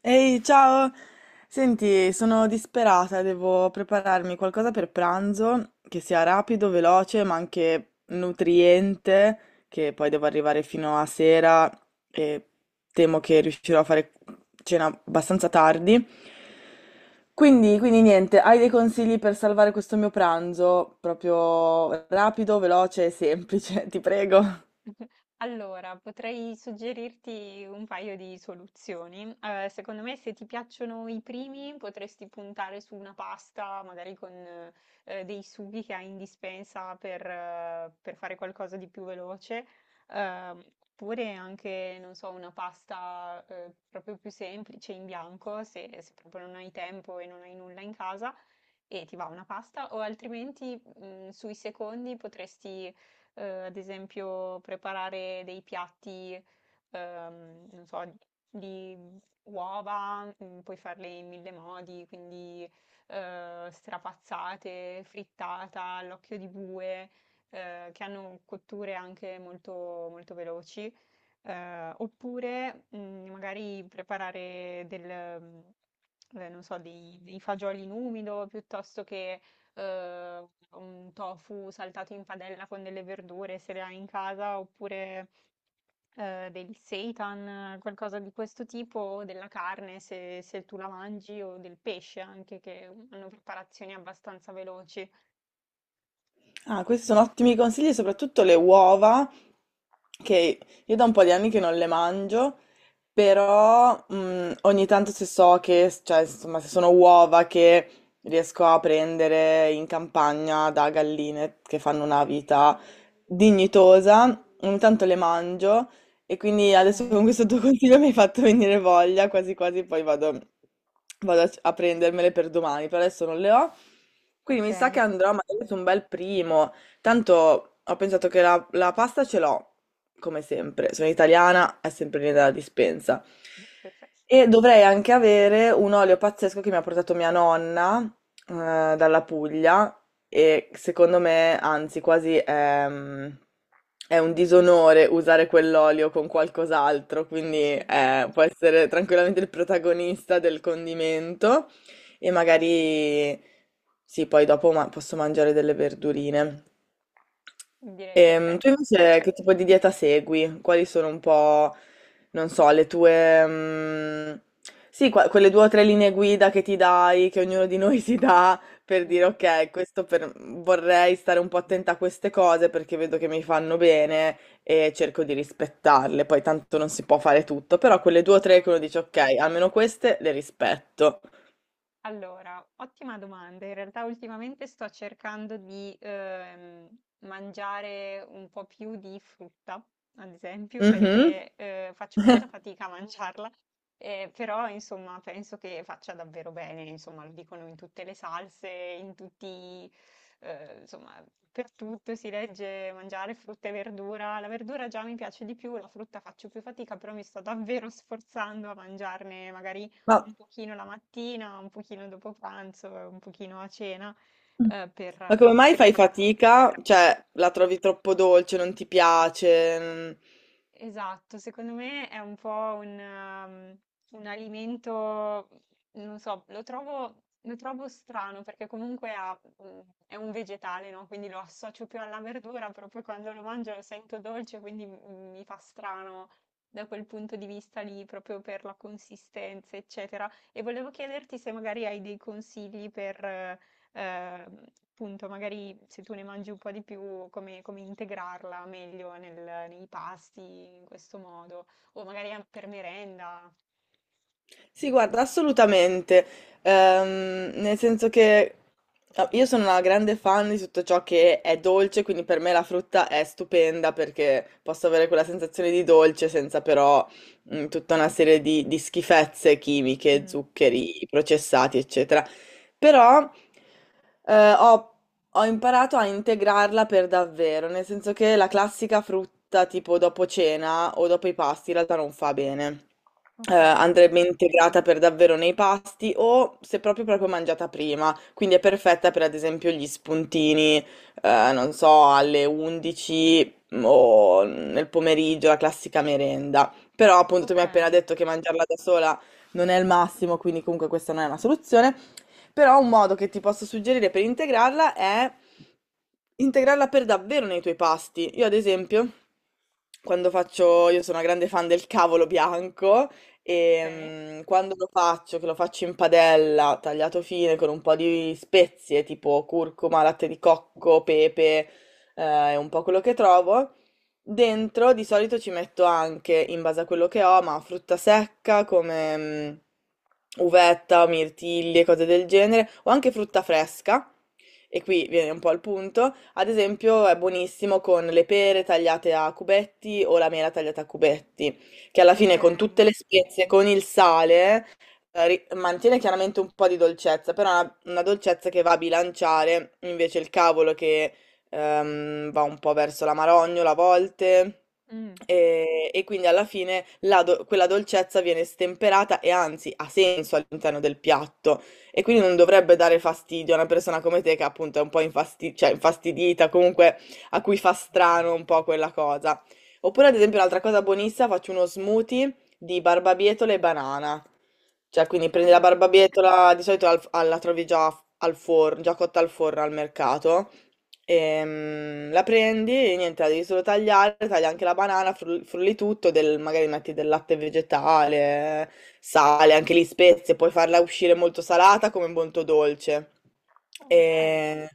Ehi, ciao! Senti, sono disperata, devo prepararmi qualcosa per pranzo che sia rapido, veloce, ma anche nutriente, che poi devo arrivare fino a sera e temo che riuscirò a fare cena abbastanza tardi. Quindi niente, hai dei consigli per salvare questo mio pranzo? Proprio rapido, veloce e semplice, ti prego. Allora, potrei suggerirti un paio di soluzioni. Secondo me, se ti piacciono i primi, potresti puntare su una pasta, magari con dei sughi che hai in dispensa per fare qualcosa di più veloce, ehm, oppure anche, non so, una pasta proprio più semplice in bianco, se proprio non hai tempo e non hai nulla in casa e ti va una pasta, o altrimenti sui secondi potresti, ad esempio, preparare dei piatti, non so, di uova, puoi farle in mille modi, quindi strapazzate, frittata, all'occhio di bue, che hanno cotture anche molto molto veloci. Oppure magari preparare del, non so, dei fagioli in umido piuttosto che eh, un tofu saltato in padella con delle verdure se le hai in casa, oppure del seitan, qualcosa di questo tipo, o della carne se tu la mangi, o del pesce anche, che hanno preparazioni abbastanza veloci. Ah, questi sono ottimi consigli, soprattutto le uova, che io da un po' di anni che non le mangio, però ogni tanto se so che, cioè, insomma, se sono uova che riesco a prendere in campagna da galline che fanno una vita dignitosa, ogni tanto le mangio e quindi adesso con Ok, questo tuo consiglio mi hai fatto venire voglia, quasi quasi poi vado, vado a prendermele per domani, per adesso non le ho. Quindi mi sa che ok. andrò magari su un bel primo. Tanto ho pensato che la pasta ce l'ho, come sempre. Sono italiana, è sempre lì dalla dispensa. Perfetto, E dovrei anche avere un olio pazzesco che mi ha portato mia nonna, eh, dalla Puglia, e secondo me, anzi, quasi è un disonore usare quell'olio con qualcos'altro, quindi sì, può essere tranquillamente il protagonista del condimento, e magari sì, poi dopo posso mangiare delle verdurine. direi Tu perfetto. invece che tipo di dieta segui? Quali sono un po', non so, le tue mm, sì, quelle due o tre linee guida che ti dai, che ognuno di noi si dà, per dire, ok, questo vorrei stare un po' attenta a queste cose perché vedo che mi fanno bene e cerco di rispettarle. Poi tanto non si può fare tutto, però quelle due o Mm. tre che uno No. dice ok, almeno queste le rispetto. Allora, ottima domanda. In realtà ultimamente sto cercando di mangiare un po' più di frutta, ad esempio, Mhm. perché faccio molta fatica a mangiarla, però insomma penso che faccia davvero bene, insomma lo dicono in tutte le salse, in tutti, insomma per tutto si legge mangiare frutta e verdura. La verdura già mi piace di più, la frutta faccio più fatica, però mi sto davvero sforzando a mangiarne magari Ma un pochino la mattina, un pochino dopo pranzo, e un pochino a cena, per Ma come appunto mai fai integrare. fatica? Cioè, la trovi troppo dolce, non ti piace? Mm. Esatto, secondo me è un po' un alimento, non so, lo trovo strano perché comunque ha, è un vegetale, no? Quindi lo associo più alla verdura, proprio quando lo mangio lo sento dolce, quindi mi fa strano da quel punto di vista lì, proprio per la consistenza, eccetera. E volevo chiederti se magari hai dei consigli per, ehm, appunto magari se tu ne mangi un po' di più, come integrarla meglio nei pasti in questo modo, o magari per merenda. Sì, guarda, assolutamente. Nel senso che ah, io sono una grande fan di tutto ciò che è dolce, quindi per me la frutta è stupenda perché posso avere quella sensazione di dolce senza però mm, tutta una serie di schifezze chimiche, Mm, zuccheri processati, eccetera. Però eh, ho, ho imparato a integrarla per davvero, nel senso che la classica frutta tipo dopo cena o dopo i pasti in realtà non fa bene. Ok, Andrebbe integrata per davvero nei pasti o se proprio proprio mangiata prima, quindi è perfetta per, ad esempio, gli spuntini, non so, alle 11 o nel pomeriggio, la classica merenda. Però appunto tu mi ok, hai appena detto che mangiarla da sola non è il massimo, quindi comunque questa non è una soluzione. Però un modo che ti posso suggerire per integrarla è integrarla per davvero nei tuoi pasti. Io ad esempio, quando faccio, io sono una grande fan del cavolo bianco ok? e mm, quando lo faccio, che lo faccio in padella, tagliato fine con un po' di spezie tipo curcuma, latte di cocco, pepe, e un po' quello che trovo. Dentro di solito ci metto anche, in base a quello che ho, ma frutta secca come mm, uvetta, mirtilli e cose del genere, o anche frutta fresca, e qui viene un po' al punto, ad esempio è buonissimo con le pere tagliate a cubetti o la mela tagliata a cubetti, che alla Ok. fine con tutte le spezie, con il sale, mantiene chiaramente un po' di dolcezza, però è una dolcezza che va a bilanciare invece il cavolo che va un po' verso la marognola a volte. Mm, E quindi alla fine la quella dolcezza viene stemperata e anzi ha senso all'interno del piatto, e quindi non dovrebbe dare fastidio a una persona come te che appunto è un po' cioè, infastidita, comunque a cui fa strano un po' quella cosa. Oppure ad esempio un'altra cosa buonissima, faccio uno smoothie di barbabietola e banana. Cioè, quindi ok, prendi la barbabietola, di solito la trovi già al forno, già cotta al forno al mercato. La prendi e niente, la devi solo tagliare, tagli anche la banana, frulli tutto, magari metti del latte vegetale, sale, anche lì spezie, puoi farla uscire molto salata come molto dolce. ok. Ok, E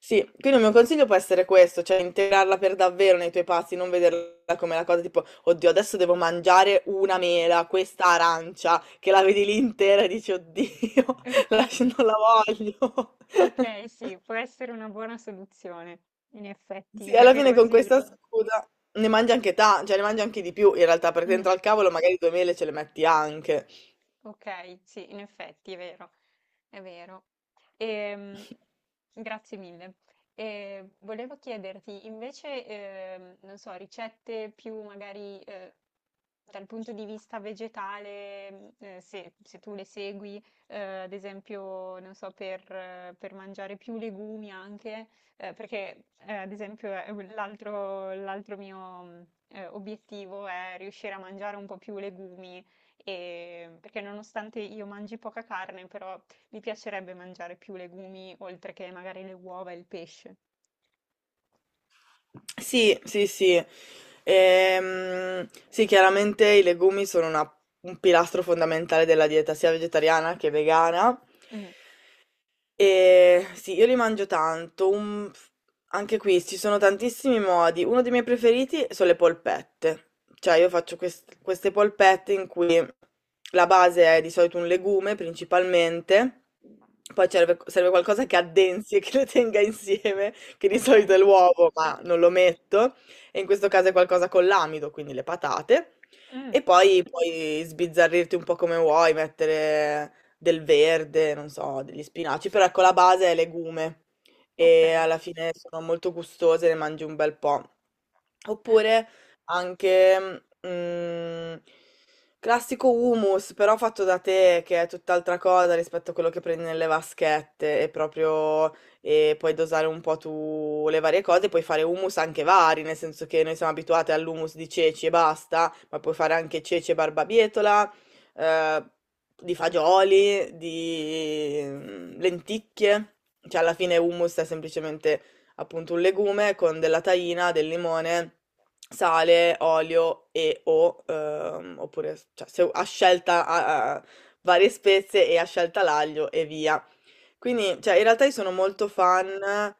sì, quindi il mio consiglio può essere questo, cioè integrarla per davvero nei tuoi pasti, non vederla come la cosa tipo, oddio, adesso devo mangiare una mela, questa arancia, che la vedi lì intera e dici, oddio, non la voglio. ok, sì, può essere una buona soluzione, in effetti, Sì, alla perché fine con così. questa. Scusa, ne mangi anche cioè ne mangi anche di più in realtà, perché Mm. dentro al cavolo magari due mele ce le metti anche. Ok, sì, in effetti è vero, è vero. Ehm, Grazie mille. E volevo chiederti invece, non so, ricette più magari dal punto di vista vegetale, se tu le segui, ad esempio, non so, per mangiare più legumi anche, perché ad esempio è l'altro mio mm, obiettivo è riuscire a mangiare un po' più legumi perché nonostante io mangi poca carne, però mi piacerebbe mangiare più legumi, oltre che magari le uova e il pesce. Sì, sì, sì. Sì, chiaramente i legumi sono un pilastro fondamentale della dieta sia vegetariana che vegana. Mm, E sì, io li mangio tanto. Anche qui ci sono tantissimi modi. Uno dei miei preferiti sono le polpette. Cioè, io faccio queste polpette in cui la base è di solito un legume principalmente. Poi serve qualcosa ok. che addensi e che le tenga insieme, che di Ok. solito è l'uovo, ma non lo metto. E in questo caso è qualcosa con l'amido, quindi le patate. Mm, E poi puoi sbizzarrirti un po' come vuoi, mettere del verde, non so, degli spinaci, però ecco la base è legume ok. e alla fine sono molto gustose, ne mangi un bel po'. Oppure anche mm, classico hummus, però fatto da te, che è tutt'altra cosa rispetto a quello che prendi nelle vaschette, e proprio e puoi dosare un po' tu le varie cose, puoi fare hummus anche vari, nel senso che noi siamo abituati all'hummus di ceci e basta, ma puoi fare anche ceci e barbabietola, eh, di fagioli, di mm, lenticchie, cioè alla fine hummus è semplicemente appunto un legume con della tahina, del limone, sale, olio e o, oppure cioè, a scelta varie spezie e a scelta l'aglio e via. Quindi, cioè, in realtà io sono Ok. molto fan,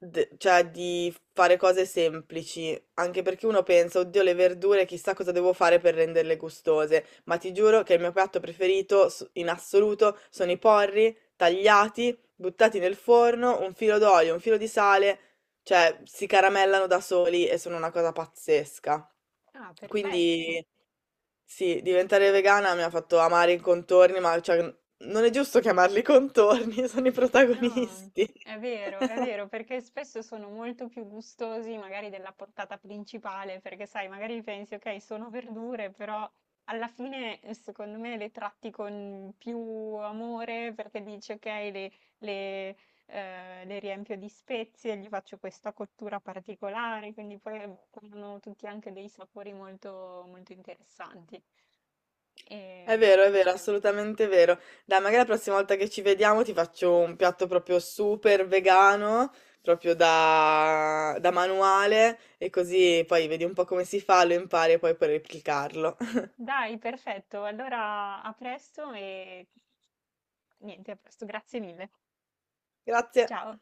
cioè, di fare cose semplici, anche perché uno pensa, oddio, le verdure, chissà cosa devo fare per renderle gustose, ma ti giuro che il mio piatto preferito in assoluto sono i porri tagliati, buttati nel forno, un filo d'olio, un filo di sale, cioè, si caramellano da soli e sono una cosa pazzesca. Ah, perfetto. Quindi sì, diventare vegana mi ha fatto amare i contorni, ma cioè, non è giusto chiamarli contorni, sono i No, protagonisti. È vero, perché spesso sono molto più gustosi magari della portata principale, perché sai, magari pensi, ok, sono verdure, però alla fine secondo me le tratti con più amore perché dici, ok, le, le riempio di spezie, gli faccio questa cottura particolare, quindi poi hanno tutti anche dei sapori molto, molto interessanti. Ehm, è vero, assolutamente vero. Dai, magari la prossima volta che ci vediamo ti faccio un piatto proprio super vegano, proprio da manuale, e così poi vedi un po' come si fa, lo impari e poi puoi replicarlo. Dai, perfetto. Allora a presto e niente, a presto, grazie mille. Grazie. Ciao.